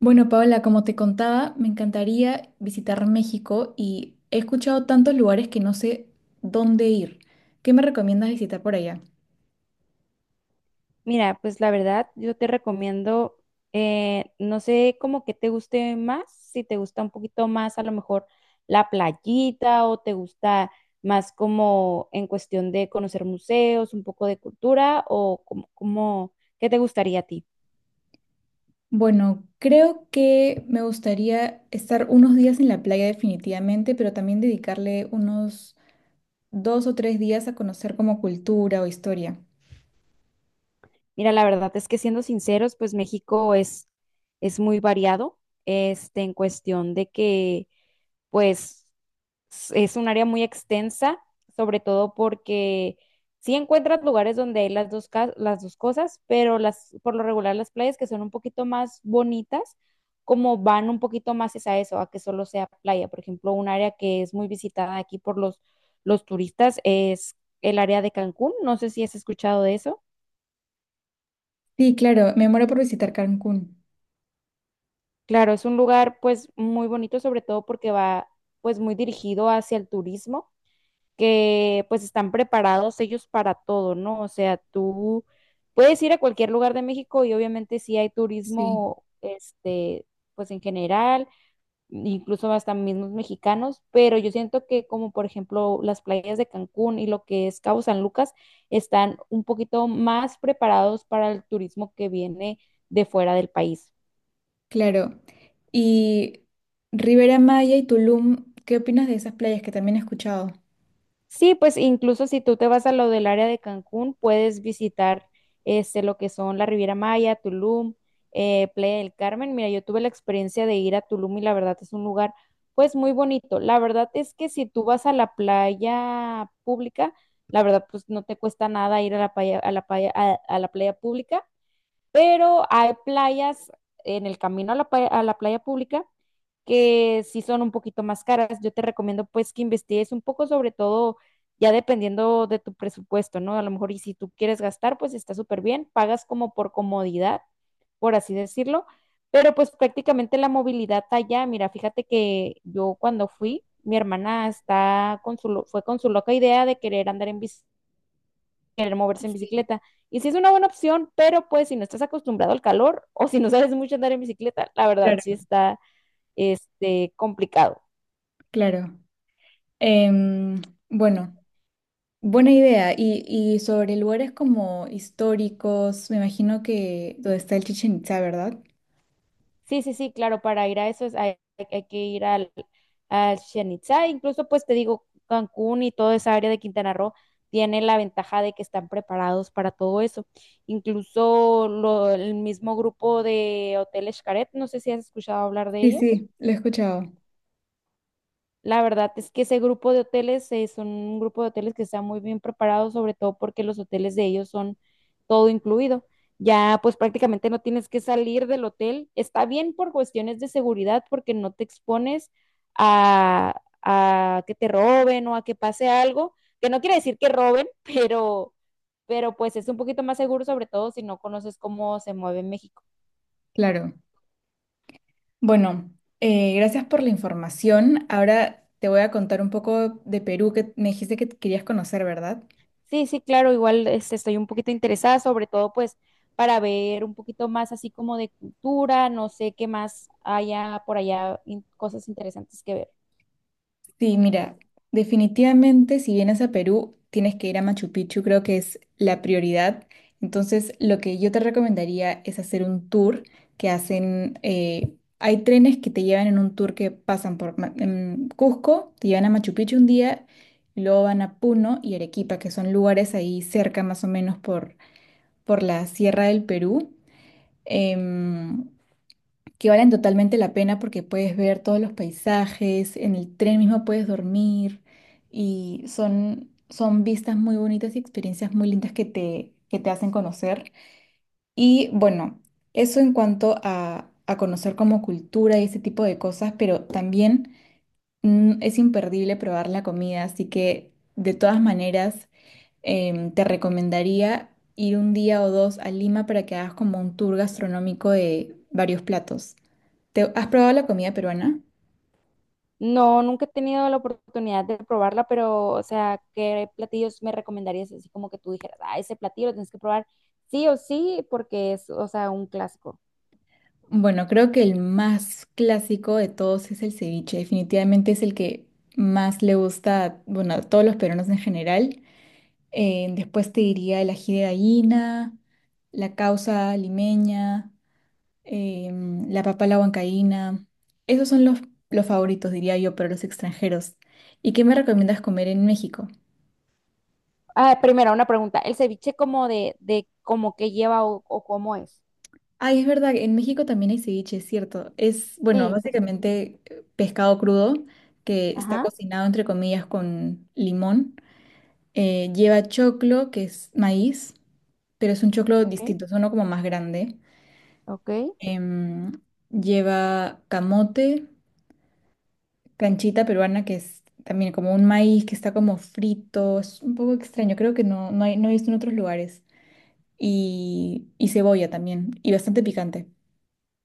Bueno, Paola, como te contaba, me encantaría visitar México y he escuchado tantos lugares que no sé dónde ir. ¿Qué me recomiendas visitar por allá? Mira, pues la verdad, yo te recomiendo, no sé como que te guste más, si te gusta un poquito más a lo mejor la playita o te gusta más como en cuestión de conocer museos, un poco de cultura o como ¿qué te gustaría a ti? Bueno, creo que me gustaría estar unos días en la playa definitivamente, pero también dedicarle unos dos o tres días a conocer como cultura o historia. Mira, la verdad es que siendo sinceros, pues México es muy variado, este, en cuestión de que, pues... es un área muy extensa, sobre todo porque sí encuentras lugares donde hay las dos cosas, pero por lo regular las playas que son un poquito más bonitas, como van un poquito más es a eso, a que solo sea playa. Por ejemplo, un área que es muy visitada aquí por los turistas es el área de Cancún. No sé si has escuchado de eso. Sí, claro, me muero por visitar Cancún. Claro, es un lugar pues muy bonito, sobre todo porque va pues muy dirigido hacia el turismo que pues están preparados ellos para todo, ¿no? O sea, tú puedes ir a cualquier lugar de México y obviamente sí hay Sí, turismo, este, pues en general, incluso hasta mismos mexicanos, pero yo siento que como por ejemplo las playas de Cancún y lo que es Cabo San Lucas están un poquito más preparados para el turismo que viene de fuera del país. claro. Y Rivera Maya y Tulum, ¿qué opinas de esas playas que también he escuchado? Sí, pues incluso si tú te vas a lo del área de Cancún, puedes visitar este, lo que son la Riviera Maya, Tulum, Playa del Carmen. Mira, yo tuve la experiencia de ir a Tulum y la verdad es un lugar pues muy bonito. La verdad es que si tú vas a la playa pública, la verdad pues no te cuesta nada ir a la playa, a la playa pública, pero hay playas en el camino a a la playa pública que sí son un poquito más caras. Yo te recomiendo pues que investigues un poco, sobre todo ya dependiendo de tu presupuesto, ¿no? A lo mejor y si tú quieres gastar, pues está súper bien, pagas como por comodidad, por así decirlo, pero pues prácticamente la movilidad allá, mira, fíjate que yo cuando fui, mi hermana está con fue con su loca idea de querer andar en bici, querer moverse en Sí, bicicleta. Y sí es una buena opción, pero pues si no estás acostumbrado al calor o si no sabes mucho andar en bicicleta, la verdad sí claro. está este, complicado. Claro. Em, bueno, buena idea. Y sobre lugares como históricos, me imagino que donde está el Chichen Itza, ¿verdad? Sí, sí, sí, claro, para ir a eso hay que ir al, al Chichén Itzá, incluso pues te digo, Cancún y toda esa área de Quintana Roo tiene la ventaja de que están preparados para todo eso. Incluso el mismo grupo de Hoteles Xcaret, no sé si has escuchado hablar de Sí, ellos. sí, lo he escuchado. La verdad es que ese grupo de hoteles son un grupo de hoteles que está muy bien preparado, sobre todo porque los hoteles de ellos son todo incluido. Ya pues prácticamente no tienes que salir del hotel. Está bien por cuestiones de seguridad porque no te expones a que te roben o a que pase algo, que no quiere decir que roben, pero pues es un poquito más seguro, sobre todo si no conoces cómo se mueve México. Claro. Bueno, gracias por la información. Ahora te voy a contar un poco de Perú que me dijiste que querías conocer, ¿verdad? Sí, sí, claro, igual este, estoy un poquito interesada, sobre todo pues para ver un poquito más así como de cultura, no sé qué más haya por allá, cosas interesantes que ver. Sí, mira, definitivamente si vienes a Perú, tienes que ir a Machu Picchu, creo que es la prioridad. Entonces, lo que yo te recomendaría es hacer un tour que hacen, hay trenes que te llevan en un tour que pasan por en Cusco, te llevan a Machu Picchu un día, y luego van a Puno y Arequipa, que son lugares ahí cerca más o menos por la Sierra del Perú. Em, que valen totalmente la pena porque puedes ver todos los paisajes, en el tren mismo puedes dormir y son, son vistas muy bonitas y experiencias muy lindas que te hacen conocer. Y bueno, eso en cuanto a conocer como cultura y ese tipo de cosas, pero también es imperdible probar la comida, así que de todas maneras te recomendaría ir un día o dos a Lima para que hagas como un tour gastronómico de varios platos. ¿Has probado la comida peruana? No, nunca he tenido la oportunidad de probarla, pero o sea, ¿qué platillos me recomendarías así como que tú dijeras, ah, ese platillo lo tienes que probar sí o sí porque es, o sea, un clásico? Bueno, creo que el más clásico de todos es el ceviche. Definitivamente es el que más le gusta, bueno, a todos los peruanos en general. Después te diría el ají de gallina, la causa limeña. La papa a la huancaína. Esos son los favoritos, diría yo, para los extranjeros. ¿Y qué me recomiendas comer en México? Ah, primero, una pregunta, ¿el ceviche como de como que lleva o cómo es? Ay, es verdad, en México también hay ceviche, es cierto. Es, bueno, Sí, sí, sí. básicamente pescado crudo que está Ajá, cocinado, entre comillas, con limón. Lleva choclo, que es maíz, pero es un choclo ok, distinto, es uno como más grande. ok. Em, Lleva camote, canchita peruana que es también como un maíz que está como frito, es un poco extraño, creo que no, no, no he visto en otros lugares. Y cebolla también, y bastante picante.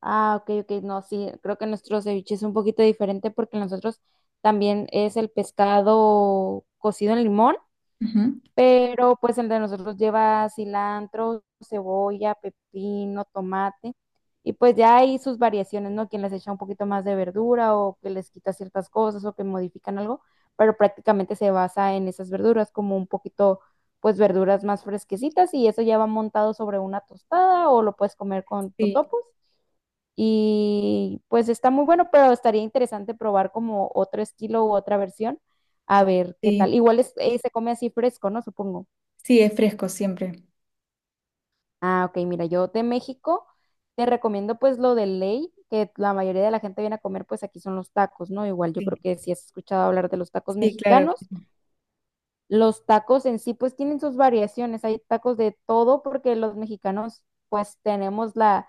Ah, ok, ok, no, sí, creo que nuestro ceviche es un poquito diferente porque nosotros también es el pescado cocido en limón, Ujú. pero pues el de nosotros lleva cilantro, cebolla, pepino, tomate y pues ya hay sus variaciones, ¿no? Quien les echa un poquito más de verdura o que les quita ciertas cosas o que modifican algo, pero prácticamente se basa en esas verduras como un poquito, pues verduras más fresquecitas y eso ya va montado sobre una tostada o lo puedes comer con Sí, totopos. Y pues está muy bueno, pero estaría interesante probar como otro estilo u otra versión, a ver qué tal. sí, Igual se come así fresco, ¿no? Supongo. sí, es fresco siempre. Ah, ok, mira, yo de México te recomiendo pues lo de ley, que la mayoría de la gente viene a comer, pues aquí son los tacos, ¿no? Igual yo creo Sí, que si has escuchado hablar de los tacos sí, claro. mexicanos, los tacos en sí pues tienen sus variaciones, hay tacos de todo porque los mexicanos pues tenemos la...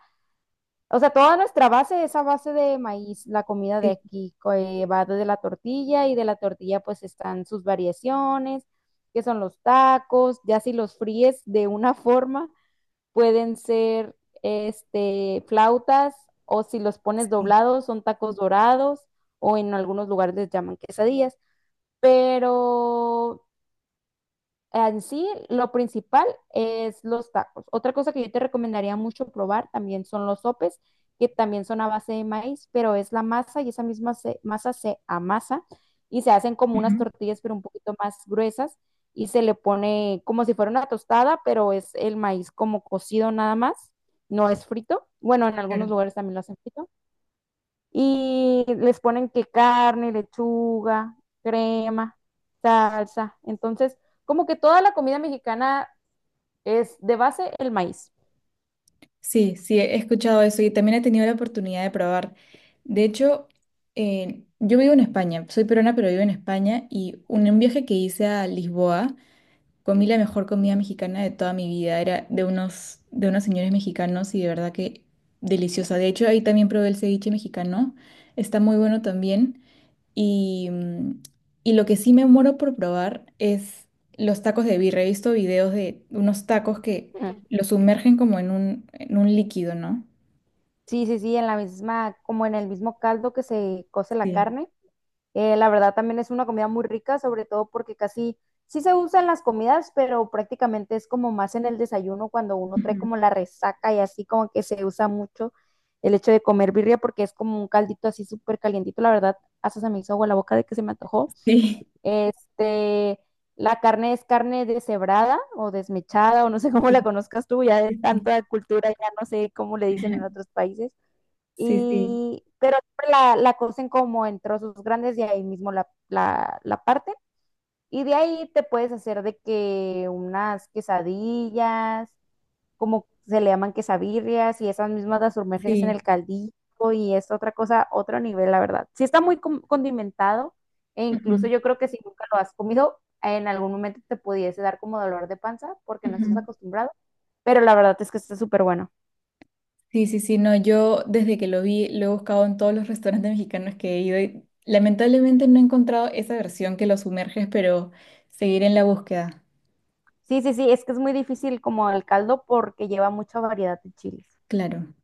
O sea, toda nuestra base es a base de maíz, la comida de Sí, aquí, va desde la tortilla y de la tortilla pues están sus variaciones, que son los tacos, ya si los fríes de una forma, pueden ser este, flautas o si los pones sí. doblados son tacos dorados o en algunos lugares les llaman quesadillas, pero en sí, lo principal es los tacos. Otra cosa que yo te recomendaría mucho probar también son los sopes, que también son a base de maíz, pero es la masa y esa misma masa se amasa y se hacen como unas Ujú. tortillas, pero un poquito más gruesas y se le pone como si fuera una tostada, pero es el maíz como cocido nada más, no es frito. Bueno, en Claro. algunos lugares también lo hacen frito y les ponen que carne, lechuga, crema, salsa. Entonces, como que toda la comida mexicana es de base el maíz. Sí, sí, he escuchado eso y también he tenido la oportunidad de probar. De hecho, yo vivo en España, soy peruana, pero vivo en España y un viaje que hice a Lisboa. Comí la mejor comida mexicana de toda mi vida. Era de unos señores mexicanos y de verdad que deliciosa. De hecho, ahí también probé el ceviche mexicano. Está muy bueno también. Y, mm, y lo que sí me muero por probar es los tacos de birria. He visto videos de unos tacos que Ujú. los sumergen como en un líquido, ¿no? Sí, sí, sí, en la misma, como en el mismo caldo que se cose la Sí. carne. La verdad también es una comida muy rica, sobre todo porque casi sí se usa en las comidas, pero prácticamente es como más en el desayuno cuando uno trae Ujú. como la resaca y así como que se usa mucho el hecho de comer birria porque es como un caldito así súper calientito, la verdad, hasta se me hizo agua la boca de que se me antojó. Sí, Este, la carne es carne deshebrada o desmechada o no sé cómo la sí, conozcas tú, ya de sí. Sí, tanta cultura, ya no sé cómo le dicen en otros países sí, sí. y, pero siempre la cocen como en trozos grandes y ahí mismo la parten. Y de ahí te puedes hacer de que unas quesadillas, como se le llaman quesabirrias, y esas mismas las sumerges en el Sí. caldillo y es otra cosa, otro nivel, la verdad. Sí está condimentado e incluso Ujú, yo creo que si nunca lo has comido, en algún momento te pudiese dar como dolor de panza porque no estás ujú. acostumbrado, pero la verdad es que está súper bueno. Sí, sí, sí, no, yo desde que lo vi lo he buscado en todos los restaurantes mexicanos que he ido y lamentablemente no he encontrado esa versión que lo sumerges, pero seguiré en la búsqueda. Sí, sí, sí, es que es muy difícil como el caldo porque lleva mucha variedad de chiles. Claro,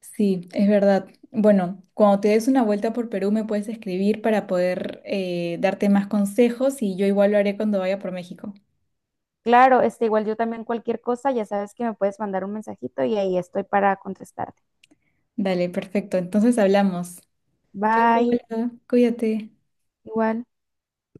sí, es verdad. Bueno, cuando te des una vuelta por Perú me puedes escribir para poder darte más consejos y yo igual lo haré cuando vaya por México. Claro, este, igual yo también cualquier cosa, ya sabes que me puedes mandar un mensajito y ahí estoy para contestarte. Dale, perfecto, entonces hablamos. Chao, Bye, Paula, cuídate. igual.